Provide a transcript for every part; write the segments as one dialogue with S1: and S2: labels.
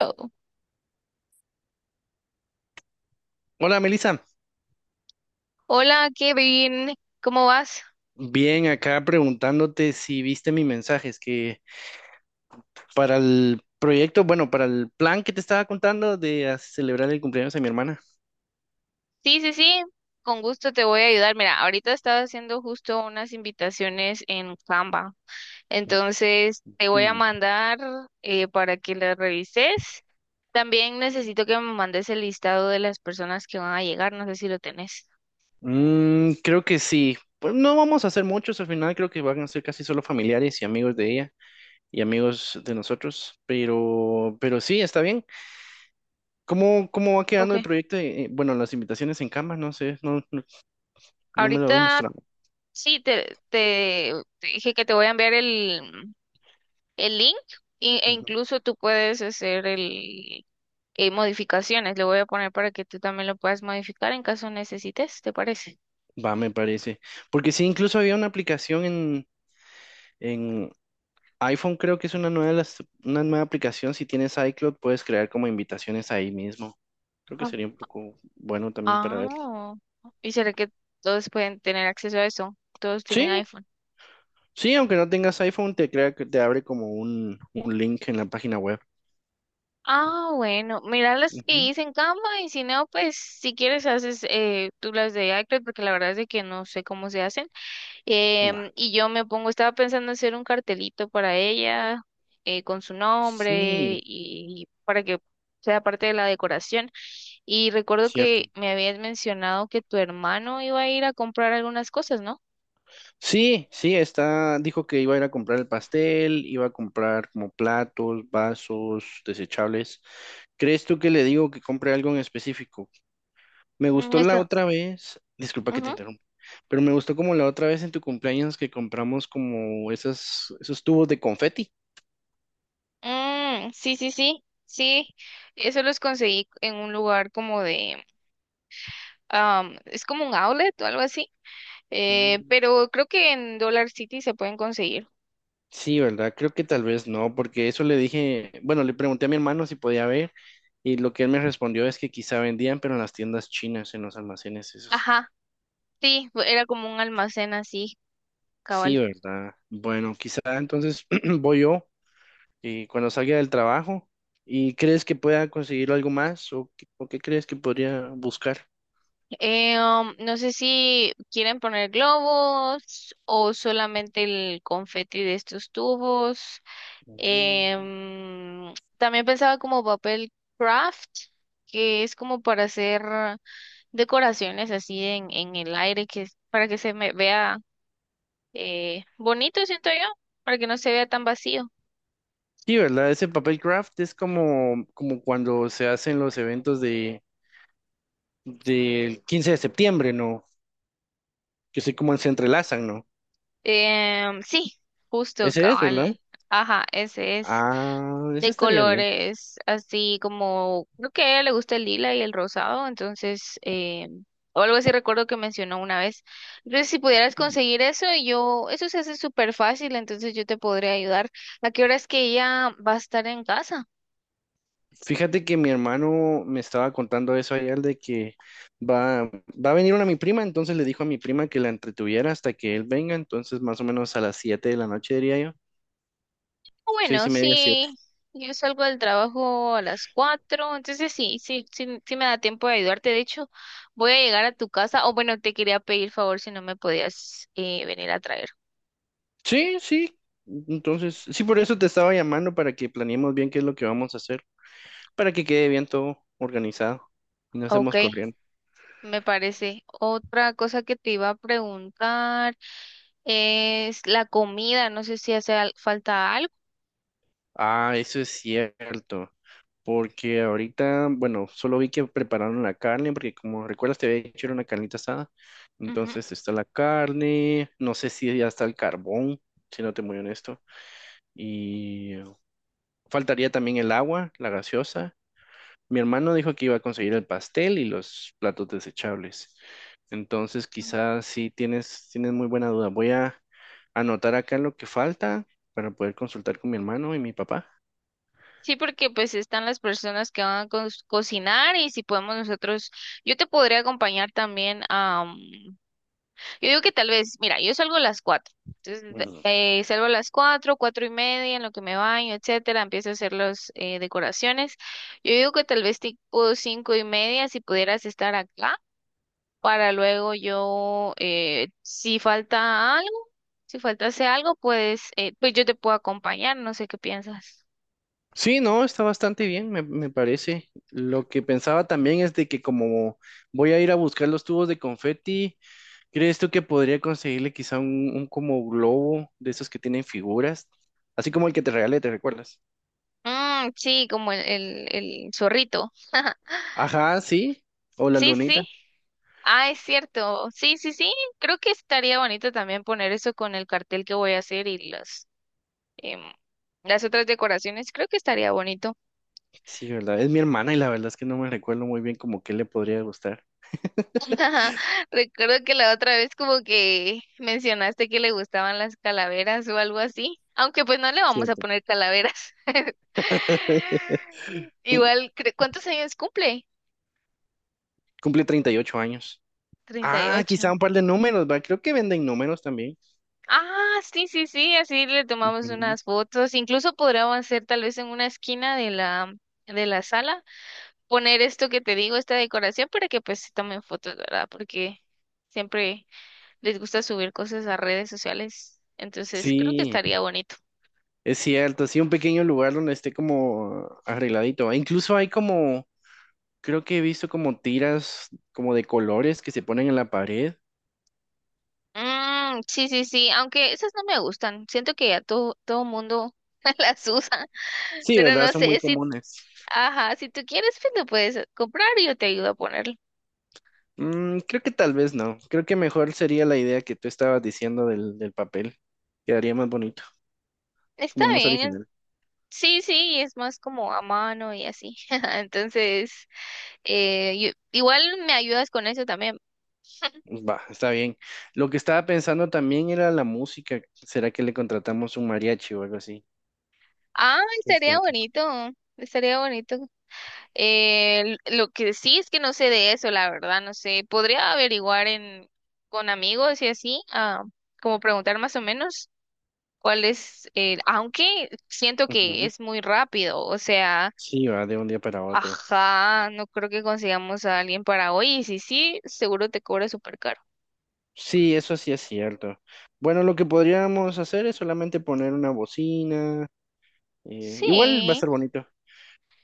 S1: Oh.
S2: Hola, Melissa.
S1: Hola, Kevin, ¿cómo vas?
S2: Bien, acá preguntándote si viste mi mensaje. Es que para el proyecto, bueno, para el plan que te estaba contando de celebrar el cumpleaños de mi hermana.
S1: Sí, sí, sí, con gusto te voy a ayudar. Mira, ahorita estaba haciendo justo unas invitaciones en Canva, entonces te voy a mandar para que las revises. También necesito que me mandes el listado de las personas que van a llegar, no sé si lo tenés.
S2: Mm, creo que sí. Pues no vamos a hacer muchos, al final creo que van a ser casi solo familiares y amigos de ella y amigos de nosotros, pero sí, está bien. ¿Cómo va quedando
S1: Ok.
S2: el proyecto? Bueno, las invitaciones en cama, no sé, no, no me lo has
S1: Ahorita
S2: mostrado.
S1: sí, te dije que te voy a enviar el link e
S2: Ujú.
S1: incluso tú puedes hacer modificaciones. Le voy a poner para que tú también lo puedas modificar en caso necesites, ¿te parece?
S2: Va, me parece. Porque sí, incluso había una aplicación en iPhone creo que es una nueva, una nueva aplicación. Si tienes iCloud, puedes crear como invitaciones ahí mismo. Creo que
S1: Ah,
S2: sería un poco bueno también para ver.
S1: Ah, ¿y será que todos pueden tener acceso a eso? Todos tienen
S2: Sí,
S1: iPhone.
S2: sí, aunque no tengas iPhone, te crea que te abre como un link en la página web.
S1: Ah, bueno, mira las que
S2: Ujú.
S1: hice en Canva y si no, pues si quieres haces tú las de iCloud porque la verdad es de que no sé cómo se hacen.
S2: Va.
S1: Y yo me pongo, estaba pensando hacer un cartelito para ella, con su nombre
S2: Sí,
S1: y para que sea parte de la decoración. Y recuerdo
S2: cierto.
S1: que me habías mencionado que tu hermano iba a ir a comprar algunas cosas, ¿no?
S2: Sí, sí, está, dijo que iba a ir a comprar el pastel, iba a comprar como platos, vasos, desechables. ¿Crees tú que le digo que compre algo en específico? Me
S1: Mm,
S2: gustó la
S1: está.
S2: otra vez, disculpa que te
S1: Ujú.
S2: interrumpa, pero me gustó como la otra vez en tu cumpleaños que compramos como esas, esos tubos de confeti.
S1: Mm, sí, sí, sí, sí. Eso los conseguí en un lugar como de, es como un outlet o algo así.
S2: Mm,
S1: Pero creo que en Dollar City se pueden conseguir.
S2: sí, ¿verdad? Creo que tal vez no, porque eso le dije, bueno, le pregunté a mi hermano si podía ver y lo que él me respondió es que quizá vendían, pero en las tiendas chinas, en los almacenes esos.
S1: Ajá, sí, era como un almacén así.
S2: Sí,
S1: Cabal.
S2: ¿verdad? Bueno, quizá entonces voy yo y cuando salga del trabajo y crees que pueda conseguir algo más o, o qué crees que podría buscar.
S1: No sé si quieren poner globos o solamente el confeti de estos tubos.
S2: Mm.
S1: También pensaba como papel craft, que es como para hacer decoraciones así en el aire, que es para que se me vea bonito, siento yo, para que no se vea tan vacío.
S2: Sí, ¿verdad? Ese papel craft es como, como cuando se hacen los eventos del 15 de septiembre, ¿no? Que sé cómo se entrelazan, ¿no?
S1: Sí, justo,
S2: Ese es, ¿verdad?
S1: cabal. Ajá, ese es.
S2: Ah, ese
S1: De
S2: estaría bien.
S1: colores así como, creo que a ella le gusta el lila y el rosado, entonces, o algo así recuerdo que mencionó una vez. Entonces, si pudieras conseguir eso, yo, eso se hace súper fácil, entonces yo te podría ayudar. ¿A qué hora es que ella va a estar en casa?
S2: Fíjate que mi hermano me estaba contando eso ayer de que va a venir una mi prima, entonces le dijo a mi prima que la entretuviera hasta que él venga, entonces más o menos a las 7 de la noche diría yo,
S1: Ah,
S2: seis y
S1: bueno,
S2: media, siete.
S1: sí, yo salgo del trabajo a las 4, entonces sí, sí, sí, sí me da tiempo de ayudarte. De hecho, voy a llegar a tu casa, o bueno, te quería pedir favor si no me podías venir a traer.
S2: Sí, sí. Entonces, sí, por eso te estaba llamando para que planeemos bien qué es lo que vamos a hacer, para que quede bien todo organizado y no
S1: Ok.
S2: estemos corriendo.
S1: Me parece. Otra cosa que te iba a preguntar es la comida. No sé si hace al- falta algo.
S2: Ah, eso es cierto, porque ahorita, bueno, solo vi que prepararon la carne, porque como recuerdas te había hecho una carnita asada,
S1: Ujú.
S2: entonces está la carne, no sé si ya está el carbón, si no te muy honesto, y faltaría también el agua, la gaseosa. Mi hermano dijo que iba a conseguir el pastel y los platos desechables. Entonces,
S1: Mm.
S2: quizás sí tienes muy buena duda. Voy a anotar acá lo que falta para poder consultar con mi hermano y mi papá.
S1: Sí, porque pues están las personas que van a co- cocinar y si podemos nosotros, yo te podría acompañar también yo digo que tal vez, mira, yo salgo a las 4. Entonces,
S2: Ujú.
S1: salgo a las 4, 4:30, en lo que me baño, etcétera, empiezo a hacer las decoraciones. Yo digo que tal vez tipo 5:30, si pudieras estar acá. Para luego yo, si falta algo, si faltase algo, pues, yo te puedo acompañar, no sé qué piensas.
S2: Sí, no, está bastante bien, me parece. Lo que pensaba también es de que como voy a ir a buscar los tubos de confeti, ¿crees tú que podría conseguirle quizá un como globo de esos que tienen figuras? Así como el que te regalé, ¿te recuerdas?
S1: Mm, sí, como el zorrito.
S2: Ajá, sí. O la
S1: Sí,
S2: lunita.
S1: sí. Ah, es cierto. Sí, sí, sí. Creo que estaría bonito también poner eso con el cartel que voy a hacer y las, em, las otras decoraciones. Creo que estaría bonito.
S2: Sí, ¿verdad? Es mi hermana y la verdad es que no me recuerdo muy bien como qué le podría gustar.
S1: Ajá. Recuerdo que la otra vez como que mencionaste que le gustaban las calaveras o algo así, aunque pues no le vamos a
S2: Cierto.
S1: poner calaveras. Igual, cre- ¿cuántos años cumple?
S2: Cumple 38 años.
S1: Treinta y
S2: Ah, quizá
S1: ocho.
S2: un par de números, ¿va? Creo que venden números también.
S1: Ah, sí, sí, sí, así le tomamos
S2: Ujú.
S1: unas fotos. Incluso podríamos hacer tal vez en una esquina de la sala, poner esto que te digo, esta decoración para que pues se tomen fotos, ¿verdad? Porque siempre les gusta subir cosas a redes sociales, entonces creo que
S2: Sí,
S1: estaría bonito.
S2: es cierto. Sí, un pequeño lugar donde esté como arregladito. E incluso hay como, creo que he visto como tiras como de colores que se ponen en la pared.
S1: Mm, sí, sí, sí, aunque esas no me gustan, siento que ya todo mundo las usa,
S2: Sí,
S1: pero
S2: ¿verdad?
S1: no
S2: Son muy
S1: sé si,
S2: comunes.
S1: ajá, si tú quieres, pues lo puedes comprar y yo te ayudo a ponerlo.
S2: Mm, creo que tal vez no. Creo que mejor sería la idea que tú estabas diciendo del papel. Quedaría más bonito,
S1: Está
S2: como más
S1: bien,
S2: original.
S1: sí, sí, es más como a mano y así, entonces, igual me ayudas con eso también.
S2: Va, está bien. Lo que estaba pensando también era la música. ¿Será que le contratamos un mariachi o algo así?
S1: Ah,
S2: Pues
S1: estaría
S2: fíjate.
S1: bonito, estaría bonito. Eh, lo que sí es que no sé de eso, la verdad, no sé. Podría averiguar en con amigos y así, como preguntar más o menos cuál es el, aunque siento que
S2: Ujú.
S1: es muy rápido, o sea,
S2: Sí, va de un día para otro.
S1: ajá, no creo que consigamos a alguien para hoy, y si sí, seguro te cobra súper caro.
S2: Sí, eso sí es cierto. Bueno, lo que podríamos hacer es solamente poner una bocina. Igual va a
S1: Sí,
S2: ser bonito.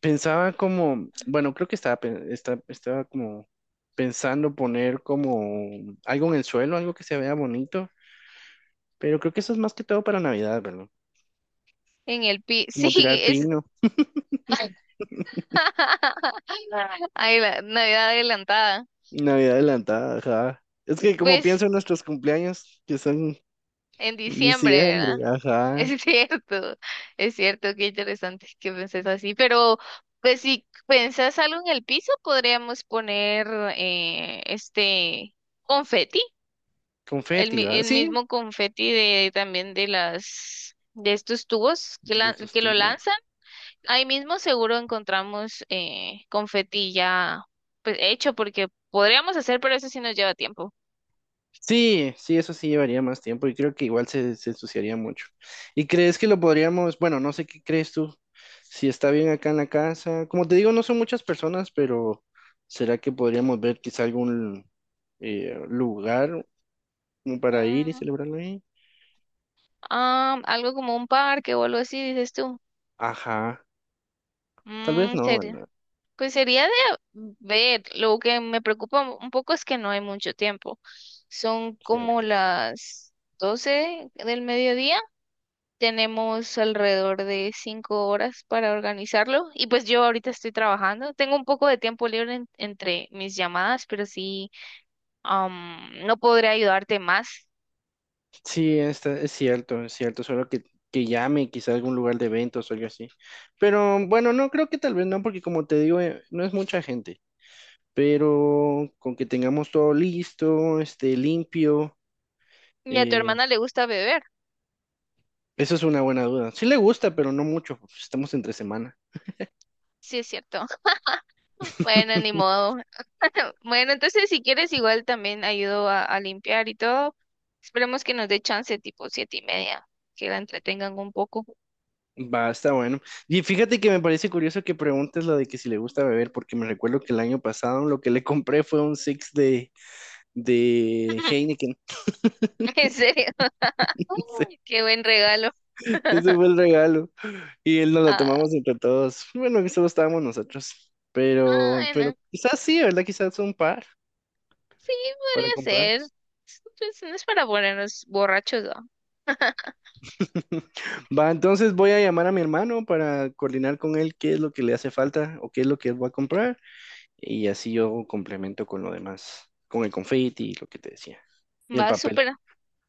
S2: Pensaba como, bueno, creo que estaba, estaba como pensando poner como algo en el suelo, algo que se vea bonito, pero creo que eso es más que todo para Navidad, ¿verdad?
S1: sí,
S2: Como tirar
S1: es
S2: pino.
S1: ay, la Navidad adelantada.
S2: Navidad adelantada, ajá. Es que como
S1: Pues
S2: pienso en nuestros cumpleaños, que son
S1: en
S2: en
S1: diciembre, verdad.
S2: diciembre, ajá.
S1: Es cierto, es cierto, qué interesante que penses así, pero pues si pensás algo en el piso, podríamos poner este confeti,
S2: Confeti, ¿va?
S1: el
S2: Sí,
S1: mismo confeti de también de estos tubos
S2: de esos
S1: que lo
S2: tiempos.
S1: lanzan. Ahí mismo seguro encontramos confeti ya pues hecho porque podríamos hacer, pero eso sí nos lleva tiempo.
S2: Sí, sí, eso sí llevaría más tiempo y creo que igual se ensuciaría mucho. ¿Y crees que lo podríamos, bueno, no sé qué crees tú, si está bien acá en la casa? Como te digo, no son muchas personas, pero ¿será que podríamos ver quizá algún lugar como para ir y
S1: Mm,
S2: celebrarlo ahí?
S1: algo como un parque o algo así, dices tú.
S2: Ajá, tal vez
S1: Mm,
S2: no,
S1: sería.
S2: ¿verdad?
S1: Pues sería de ver, lo que me preocupa un poco es que no hay mucho tiempo. Son como
S2: Cierto.
S1: las 12 del mediodía. Tenemos alrededor de 5 horas para organizarlo. Y pues yo ahorita estoy trabajando. Tengo un poco de tiempo libre en- entre mis llamadas, pero sí, no podré ayudarte más.
S2: Sí, está, es cierto, solo que llame quizá a algún lugar de eventos o algo así. Pero bueno, no creo que tal vez no, porque como te digo, no es mucha gente, pero con que tengamos todo listo, este, limpio,
S1: Y a tu
S2: eh,
S1: hermana le gusta beber.
S2: eso es una buena duda. Sí le gusta, pero no mucho, pues, estamos entre semana.
S1: Sí, es cierto. Bueno, ni modo. Bueno, entonces si quieres igual también ayudo a limpiar y todo. Esperemos que nos dé chance tipo 7:30, que la entretengan un poco.
S2: Va, está bueno. Y fíjate que me parece curioso que preguntes lo de que si le gusta beber, porque me recuerdo que el año pasado lo que le compré fue un six de Heineken.
S1: En serio, qué buen regalo.
S2: Ese fue el regalo. Y él nos la
S1: Ah,
S2: tomamos entre todos. Bueno, que solo estábamos nosotros.
S1: ah,
S2: Pero,
S1: bueno,
S2: pero quizás sí, ¿verdad? Quizás un par
S1: sí,
S2: para
S1: podría ser.
S2: comprarles.
S1: Es- pues, no es para ponernos borrachos, ¿no?
S2: Va, entonces voy a llamar a mi hermano para coordinar con él qué es lo que le hace falta o qué es lo que él va a comprar. Y así yo complemento con lo demás, con el confeti y lo que te decía. Y el
S1: Va,
S2: papel.
S1: súper.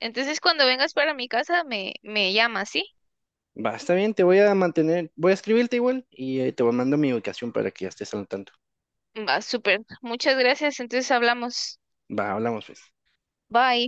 S1: Entonces cuando vengas para mi casa me, me llamas, ¿sí?
S2: Va, está bien, te voy a mantener, voy a escribirte igual y te voy mando mi ubicación para que ya estés al tanto.
S1: Va, súper. Muchas gracias, entonces hablamos.
S2: Va, hablamos pues.
S1: Bye.